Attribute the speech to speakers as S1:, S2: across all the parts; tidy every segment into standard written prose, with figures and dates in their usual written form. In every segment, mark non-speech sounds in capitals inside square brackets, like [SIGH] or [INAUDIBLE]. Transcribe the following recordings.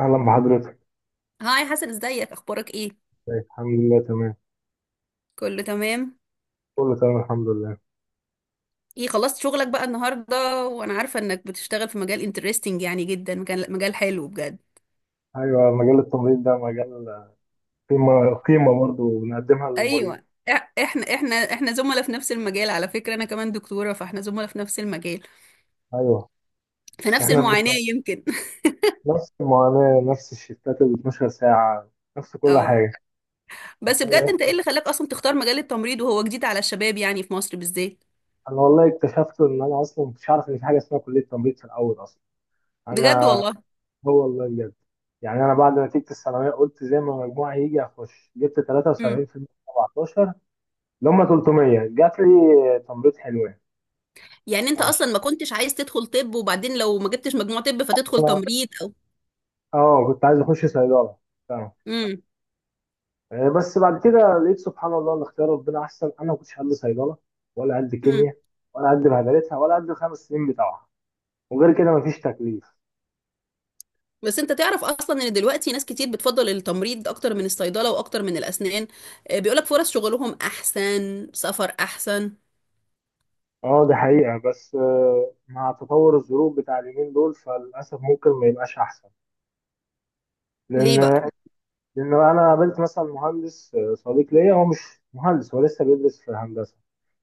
S1: أهلا بحضرتك.
S2: هاي حسن، ازيك؟ اخبارك ايه؟
S1: ازيك؟ الحمد لله تمام.
S2: كله تمام.
S1: كله تمام الحمد لله.
S2: ايه خلصت شغلك بقى النهارده، وانا عارفه انك بتشتغل في مجال انترستنج يعني، جدا مجال حلو بجد.
S1: أيوة، مجال التمريض ده مجال قيمة قيمة برضه بنقدمها للمريض.
S2: ايوه، احنا زملاء في نفس المجال، على فكره انا كمان دكتوره، فاحنا زملاء في نفس المجال،
S1: أيوة
S2: في نفس
S1: إحنا
S2: المعاناه
S1: بنبقى
S2: يمكن. [LAUGHS]
S1: نفس المعاناة، نفس الشفتات ال 12 ساعة، نفس كل
S2: اه.
S1: حاجة.
S2: بس بجد انت ايه اللي خلاك اصلا تختار مجال التمريض، وهو جديد على الشباب يعني في مصر بالذات؟
S1: أنا والله اكتشفت إن أنا أصلا مكنتش عارف إن في حاجة اسمها كلية تمريض في الأول أصلا.
S2: بجد
S1: أنا،
S2: والله.
S1: هو والله بجد، يعني أنا بعد نتيجة الثانوية قلت زي ما مجموعي يجي أخش. جبت
S2: امم
S1: 73% في 17، اللي هم 300، جات لي تمريض.
S2: يعني انت
S1: حلوة.
S2: اصلا ما كنتش عايز تدخل طب، وبعدين لو ما جبتش مجموع طب فتدخل تمريض او.
S1: اه، كنت عايز اخش صيدله، فاهم. بس بعد كده لقيت سبحان الله ان اختيار ربنا احسن. انا ما كنتش قد صيدله، ولا قد
S2: امم
S1: كيمياء، ولا قد بهدلتها، ولا قد الخمس سنين بتاعها. وغير كده مفيش تكليف.
S2: بس انت تعرف اصلا ان دلوقتي ناس كتير بتفضل التمريض اكتر من الصيدله واكتر من الاسنان. بيقولك فرص شغلهم احسن، سفر احسن.
S1: اه دي حقيقه، بس مع تطور الظروف بتاع اليومين دول فللاسف ممكن ما يبقاش احسن. لان،
S2: ليه بقى؟
S1: انا قابلت مثلا مهندس، صديق ليا، هو مش مهندس، هو لسه بيدرس في هندسه.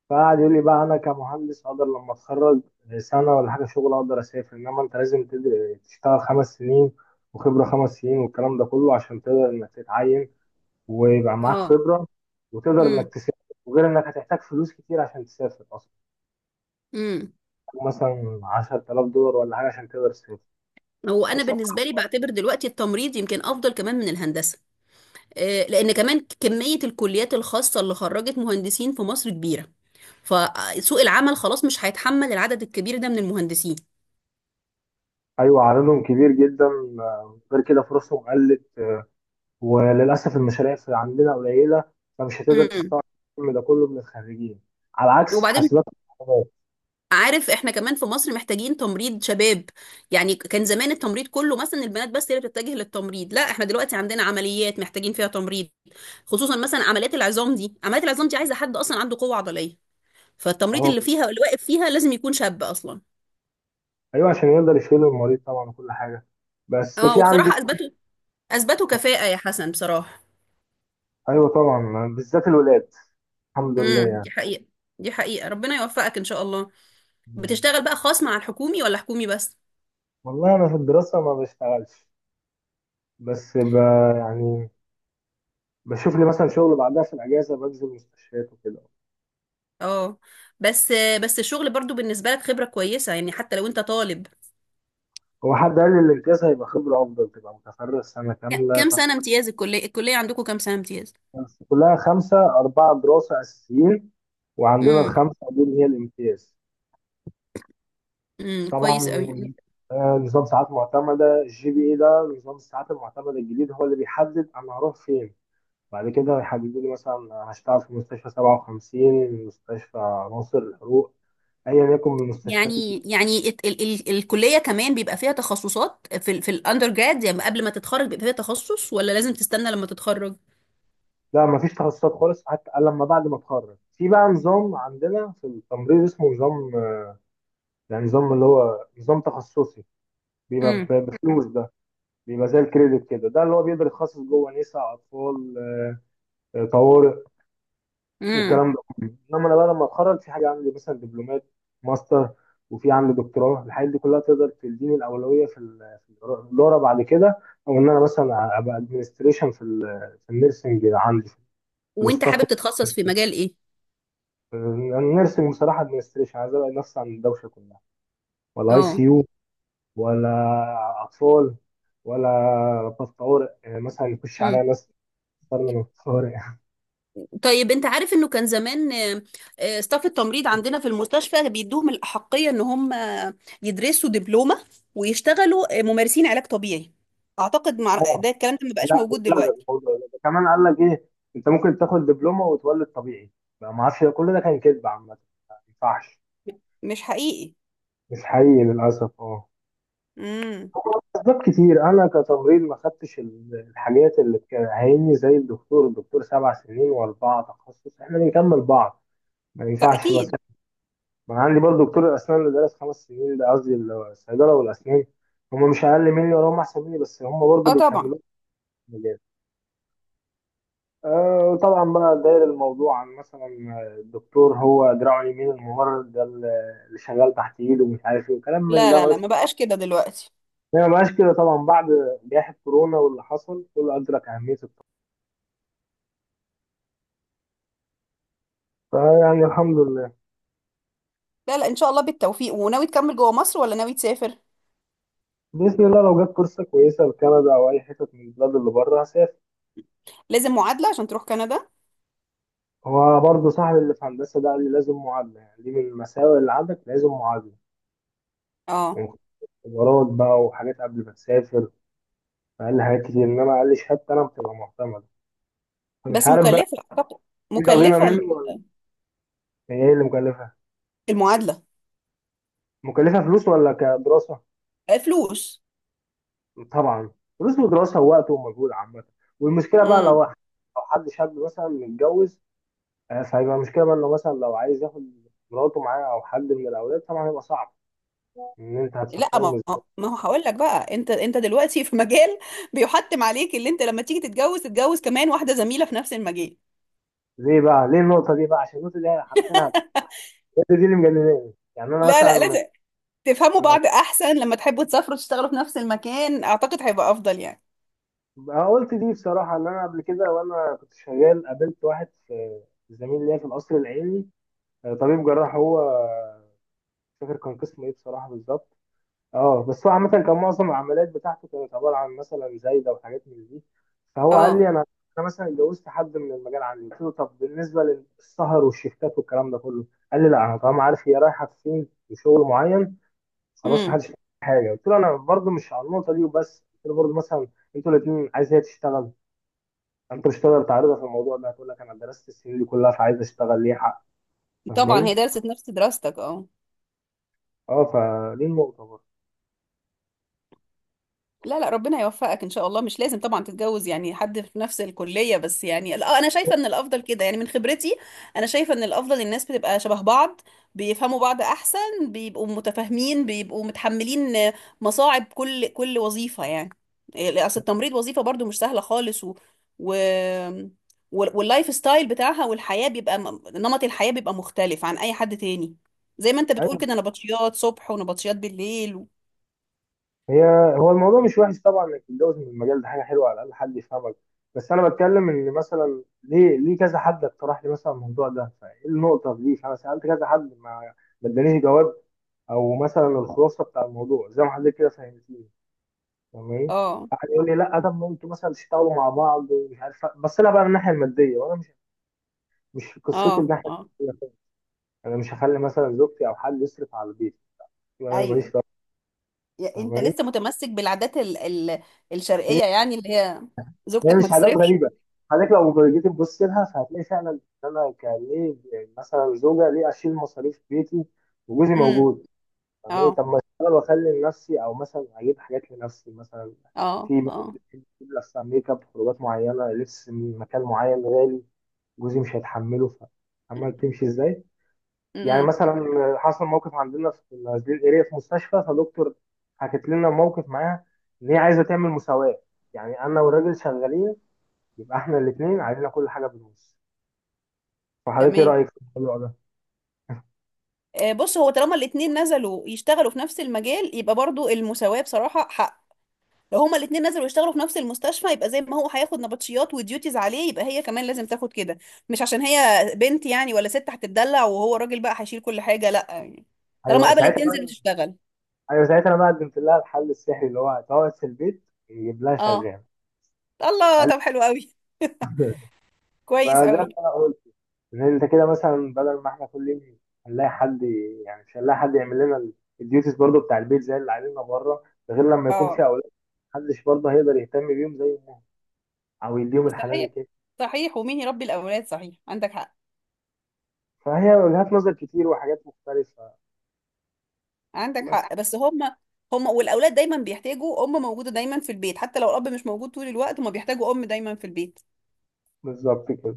S1: فقعد يقول لي بقى: انا كمهندس اقدر لما اتخرج سنه ولا حاجه شغل اقدر اسافر، انما انت لازم تشتغل 5 سنين، وخبره 5 سنين، والكلام ده كله عشان تقدر انك تتعين، ويبقى معاك
S2: اه.
S1: خبره، وتقدر انك
S2: امم
S1: تسافر. وغير انك هتحتاج فلوس كتير عشان تسافر اصلا،
S2: امم
S1: مثلا 10,000 دولار ولا حاجه عشان تقدر تسافر.
S2: هو انا بالنسبه لي بعتبر دلوقتي التمريض يمكن افضل كمان من الهندسه. لان كمان كميه الكليات الخاصه اللي خرجت مهندسين في مصر كبيره، فسوق العمل خلاص مش هيتحمل العدد الكبير ده من المهندسين.
S1: ايوه، عددهم كبير جدا. غير كده فرصهم قلت. وللاسف المشاريع في عندنا قليله، فمش هتقدر
S2: امم
S1: تستوعب الكم ده كله من الخريجين، على عكس
S2: وبعدين
S1: حاسبات.
S2: عارف احنا كمان في مصر محتاجين تمريض شباب؟ يعني كان زمان التمريض كله مثلا البنات بس هي اللي بتتجه للتمريض، لا احنا دلوقتي عندنا عمليات محتاجين فيها تمريض، خصوصا مثلا عمليات العظام دي، عمليات العظام دي عايزه حد اصلا عنده قوه عضليه، فالتمريض
S1: اهو.
S2: اللي فيها اللي واقف فيها لازم يكون شاب اصلا.
S1: ايوه عشان يقدر يشيل المريض طبعا وكل حاجه. بس
S2: اه،
S1: في عندي،
S2: وبصراحه اثبتوا كفاءه يا حسن بصراحه.
S1: ايوه طبعا بالذات الولاد، الحمد لله يعني.
S2: دي حقيقه، دي حقيقه، ربنا يوفقك ان شاء الله. بتشتغل بقى خاص مع الحكومي ولا حكومي بس؟
S1: والله انا في الدراسه ما بشتغلش. بس، يعني بشوف لي مثلا شغل بعدها في الاجازه، بنزل مستشفيات وكده.
S2: اه. بس بس الشغل برضو بالنسبه لك خبره كويسه يعني، حتى لو انت طالب.
S1: هو حد قال لي الامتياز هيبقى خبره افضل تبقى متفرغ سنه كامله.
S2: كام
S1: طب
S2: سنة امتياز؟ الكلية عندكم كام سنة امتياز؟
S1: بس كلها خمسه، اربعه دراسه اساسيين، وعندنا
S2: امم،
S1: الخمسه دول هي الامتياز.
S2: امم، كويس
S1: طبعا.
S2: قوي.
S1: نظام ساعات معتمدة، الجي بي اي ده، نظام الساعات المعتمدة الجديد هو اللي بيحدد أنا هروح فين. بعد كده هيحددوا لي مثلا هشتغل في مستشفى 57، مستشفى ناصر الحروق، أيا يكن من المستشفيات
S2: يعني
S1: الكبيرة.
S2: يعني ات- ال ال الكلية كمان بيبقى فيها تخصصات في الاندر جراد؟ يعني قبل ما تتخرج بيبقى فيها تخصص، ولا لازم تستنى لما تتخرج؟
S1: لا، مفيش تخصصات خالص. حتى لما بعد ما اتخرج في بقى نظام عندنا في التمريض اسمه نظام، يعني نظام اللي هو نظام تخصصي، بيبقى
S2: امم
S1: بفلوس ده، بيبقى زي الكريدت كده، ده اللي هو بيقدر يتخصص جوه نساء، أطفال، طوارئ،
S2: امم
S1: والكلام ده كله. انما انا بقى لما اتخرج في حاجه عندي مثلا دبلومات، ماستر، وفي عندي دكتوراه. الحاجات دي كلها تقدر تديني الاولويه في في الاداره بعد كده، او ان انا مثلا ابقى ادمنستريشن في في النيرسنج، عندي في
S2: وانت
S1: الاستاف
S2: حابب تتخصص في مجال ايه؟
S1: النيرسنج بصراحه. ادمنستريشن عايز ابعد نفسي عن الدوشه كلها، ولا اي
S2: اه.
S1: سي يو، ولا اطفال، ولا طب طوارئ يعني مثلا يخش عليا
S2: امم
S1: ناس صرنا من الطوارئ.
S2: طيب انت عارف انه كان زمان ستاف التمريض عندنا في المستشفى بيدوهم الأحقية ان هم يدرسوا دبلومة ويشتغلوا ممارسين علاج طبيعي، اعتقد
S1: [LAUGHS]
S2: ده الكلام ده ما بقاش
S1: لا،
S2: موجود
S1: اتلغى
S2: دلوقتي.
S1: الموضوع ده. ده كمان قال لك ايه، انت ممكن تاخد دبلومه وتولد طبيعي. ما اعرفش، ده كل ده كان كذب عامه، ما ينفعش.
S2: مش حقيقي.
S1: مش حقيقي للاسف، اه.
S2: امم
S1: هو اسباب كتير، انا كتمريض ما خدتش الحاجات اللي بتعيني. زي الدكتور 7 سنين واربعه تخصص، احنا بنكمل بعض، ما ينفعش بس.
S2: فاكيد.
S1: ما أنا عندي برضه دكتور الاسنان اللي درس 5 سنين، ده قصدي الصيدله والاسنان، هم مش اقل مني ولا هم احسن مني، بس هم برضه
S2: اه طبعا.
S1: بيكملوا. وطبعا بقى داير الموضوع عن مثلا الدكتور هو دراعه اليمين، الممرض ده اللي شغال تحت ايده ومش عارف ايه وكلام من
S2: لا
S1: ده
S2: لا
S1: ملوش.
S2: لا، ما بقاش كده دلوقتي.
S1: ما بقاش كده طبعا بعد جائحة كورونا، واللي حصل كله أدرك أهمية الطب، فيعني الحمد لله.
S2: لا لا، ان شاء الله بالتوفيق. وناوي تكمل جوه مصر ولا ناوي تسافر؟
S1: بإذن الله لو جت فرصة كويسة لكندا أو أي حتة من البلاد اللي بره هسافر.
S2: لازم معادله عشان تروح كندا.
S1: هو برضه صاحبي اللي في هندسة ده قال لي لازم معادلة، يعني دي من المساوئ اللي عندك، لازم معادلة،
S2: اه.
S1: يعني اختبارات بقى وحاجات قبل ما تسافر. فقال لي حاجات كتير، إنما قال لي شهادتي أنا بتبقى معتمدة، فمش
S2: بس
S1: عارف بقى.
S2: مكلفه اعتقد.
S1: في عظيمة
S2: مكلفه،
S1: منه، ولا هي اللي مكلفة؟
S2: المعادله.
S1: مكلفة فلوس ولا كدراسة؟
S2: آه، فلوس.
S1: طبعا فلوس ودراسة ووقت ومجهود عامة. والمشكلة بقى لو
S2: امم
S1: لو حد شاب مثلا متجوز، فهيبقى المشكلة بقى انه مثلا لو عايز ياخد مراته معاه او حد من الاولاد طبعا هيبقى صعب ان انت
S2: لا،
S1: هتفكرهم ازاي.
S2: ما هو هقول لك بقى، انت دلوقتي في مجال بيحتم عليك اللي انت لما تيجي تتجوز، تتجوز كمان واحده زميله في نفس المجال.
S1: ليه بقى، ليه النقطة دي بقى؟ عشان النقطة دي هي حرفيا هي دي اللي مجنناني، يعني انا
S2: لا لا،
S1: مثلا.
S2: لازم تفهموا بعض احسن، لما تحبوا تسافروا تشتغلوا في نفس المكان اعتقد هيبقى افضل يعني.
S1: أنا قلت دي بصراحة، ان انا قبل كده وانا كنت شغال قابلت واحد في، زميل ليا في القصر العيني، طبيب جراح هو، مش فاكر كان قسم ايه بصراحه بالظبط، اه. بس هو عامه كان معظم العمليات بتاعته كانت عباره عن مثلا زايده وحاجات من دي. فهو قال
S2: اه.
S1: لي: انا، انا مثلا اتجوزت حد من المجال عندي. قلت له: طب بالنسبه للسهر والشيفتات والكلام ده كله؟ قال لي: لا، انا طالما عارف هي رايحه فين وشغل معين خلاص
S2: امم
S1: محدش يعمل حاجه. قلت له انا برضو مش على النقطه دي وبس. قلت له برضو مثلا انتوا الاثنين عايز هي تشتغل، انتوا مش هتقدر تعرضها في الموضوع ده، هتقول لك: انا درست السنين دي كلها فعايز اشتغل ليه حق،
S2: طبعا هي
S1: فاهماني؟
S2: درست نفس دراستك. اه.
S1: اه. فدي النقطه برضه.
S2: لا لا، ربنا يوفقك ان شاء الله، مش لازم طبعا تتجوز يعني حد في نفس الكليه بس يعني، لا انا شايفه ان الافضل كده يعني، من خبرتي انا شايفه ان الافضل الناس بتبقى شبه بعض، بيفهموا بعض احسن، بيبقوا متفاهمين، بيبقوا متحملين مصاعب كل كل وظيفه يعني. إيه، اصل التمريض وظيفه برضو مش سهله خالص، و... واللايف ستايل بتاعها، والحياه بيبقى نمط الحياه بيبقى مختلف عن اي حد تاني، زي ما انت بتقول
S1: أيوه.
S2: كده نبطشيات صبح ونبطشيات بالليل.
S1: هي، هو الموضوع مش وحش طبعا انك تتجوز من المجال ده، حاجه حلوه على الاقل حد يفهمك. بس انا بتكلم ان مثلا ليه، ليه كذا حد اقترح لي مثلا الموضوع ده؟ فايه النقطه دي؟ فانا سالت كذا حد ما ادانيش جواب. او مثلا الخلاصه بتاع الموضوع زي ما حضرتك كده فهمتني. تمام.
S2: اه.
S1: قعد يقول لي: لا، طب ما انتوا مثلا تشتغلوا مع بعض، ومش عارف بص لها بقى من الناحيه الماديه. وانا مش، مش قصتي
S2: اه.
S1: الناحيه
S2: اه.
S1: الماديه خالص. انا مش هخلي مثلا زوجتي او حد يصرف على البيت يبقى انا ماليش
S2: ايوه.
S1: دعوه،
S2: انت
S1: فاهماني؟
S2: لسه متمسك بالعادات الشرقيه يعني، اللي هي
S1: هي
S2: زوجتك ما
S1: مش حاجات
S2: تصرفش.
S1: غريبه. حضرتك لو جيت تبص لها فهتلاقي فعلا ان انا كان ليه مثلا زوجه ليه اشيل مصاريف بيتي وجوزي
S2: امم.
S1: موجود؟ فاهماني؟
S2: اه.
S1: طب ما اشتغل واخلي لنفسي، او مثلا اجيب حاجات لنفسي مثلا،
S2: اه.
S1: في
S2: اه.
S1: لبس، ميك اب، خروجات معينه، لبس من مكان معين غالي، جوزي مش هيتحمله، فاهمه تمشي ازاي. يعني
S2: امم.
S1: مثلا حصل موقف عندنا في نازلين اريا في مستشفى، فدكتور حكت لنا موقف معاها ان هي عايزه تعمل مساواه. يعني انا والراجل شغالين، يبقى احنا الاثنين علينا كل حاجه بالنص. فحضرتك ايه
S2: تمام.
S1: رايك في الموضوع ده؟
S2: آه، بص، هو طالما الاتنين نزلوا يشتغلوا في نفس المجال يبقى برضو المساواة بصراحة حق، لو هما الاتنين نزلوا يشتغلوا في نفس المستشفى يبقى زي ما هو هياخد نبطشيات وديوتيز عليه يبقى هي كمان لازم تاخد كده، مش عشان هي بنت يعني ولا ست هتتدلع وهو راجل بقى هيشيل كل حاجة، لا يعني، طالما
S1: ايوه
S2: قبلت
S1: ساعتها بقى
S2: تنزل وتشتغل.
S1: ايوه ساعتها انا بقى قدمت لها الحل السحري اللي هو تقعد في البيت يجيب لها
S2: اه.
S1: شغال.
S2: الله،
S1: قال لي.
S2: طب حلو قوي.
S1: [LAUGHS]
S2: كويس
S1: ما ده اللي
S2: قوي.
S1: انا قلت، ان انت كده مثلا بدل ما احنا كل يوم هنلاقي حد يعني مش هنلاقي حد يعمل لنا الديوتيز برضو بتاع البيت زي اللي علينا بره. ده غير لما يكون
S2: اه،
S1: في اولاد، محدش برضه هيقدر يهتم بيهم زي ما، او يديهم الحنان
S2: صحيح،
S1: كده.
S2: صحيح، ومين يربي الاولاد، صحيح عندك حق.
S1: فهي وجهات نظر كتير وحاجات مختلفه.
S2: عندك
S1: بس.
S2: حق، بس هم، هم والاولاد دايما بيحتاجوا ام موجوده دايما في البيت، حتى لو الاب مش موجود طول الوقت هم بيحتاجوا ام دايما في البيت.
S1: بالظبط كده.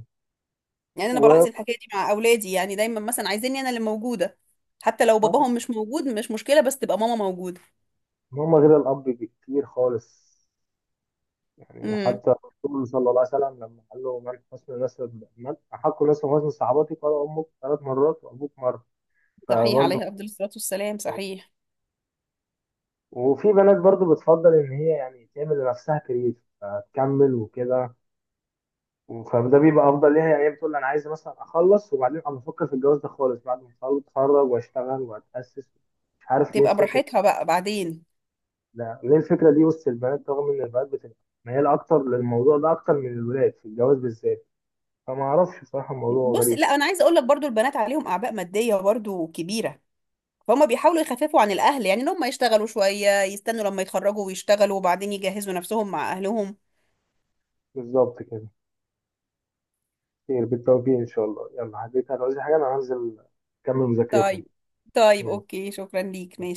S2: يعني انا
S1: و،
S2: بلاحظ الحكايه دي مع اولادي، يعني دايما مثلا عايزيني انا اللي موجوده، حتى لو باباهم مش موجود مش مشكله بس تبقى ماما موجوده.
S1: هم غير الأب بكتير خالص. يعني
S2: امم.
S1: حتى الرسول صلى الله عليه وسلم لما قال له: من حسن نسب، من أحق الناس بحسن صحابتي؟ قال: أمك، 3 مرات، وأبوك مرة.
S2: صحيح،
S1: فبرضه.
S2: عليها افضل الصلاه والسلام، صحيح.
S1: وفي بنات برضه بتفضل إن هي يعني تعمل لنفسها كارير فتكمل وكده، فده بيبقى أفضل ليها. يعني هي بتقول أنا عايزة مثلا أخلص وبعدين أبقى أفكر في الجواز، ده خالص بعد ما أتخرج وأشتغل وأتأسس. مش عارف ليه
S2: تبقى
S1: الفكرة.
S2: براحتها بقى بعدين.
S1: لا ليه الفكرة دي وسط البنات؟ رغم إن البنات بتبقى ميالة أكتر للموضوع ده أكتر من الولاد في الجواز بالذات. فما أعرفش بصراحة، الموضوع
S2: بص،
S1: غريب.
S2: لا انا عايزه اقول لك برضو البنات عليهم اعباء ماديه برضو كبيره، فهم بيحاولوا يخففوا عن الأهل، يعني إن هم يشتغلوا شوية، يستنوا لما يتخرجوا ويشتغلوا وبعدين يجهزوا نفسهم مع أهلهم.
S1: بالظبط كده. خير، بالتوفيق إن شاء الله. يلا حبيبي، هتعوزي حاجة؟ أنا هنزل أكمل مذاكرتها.
S2: طيب. طيب أوكي، شكرا ليك، ماشي.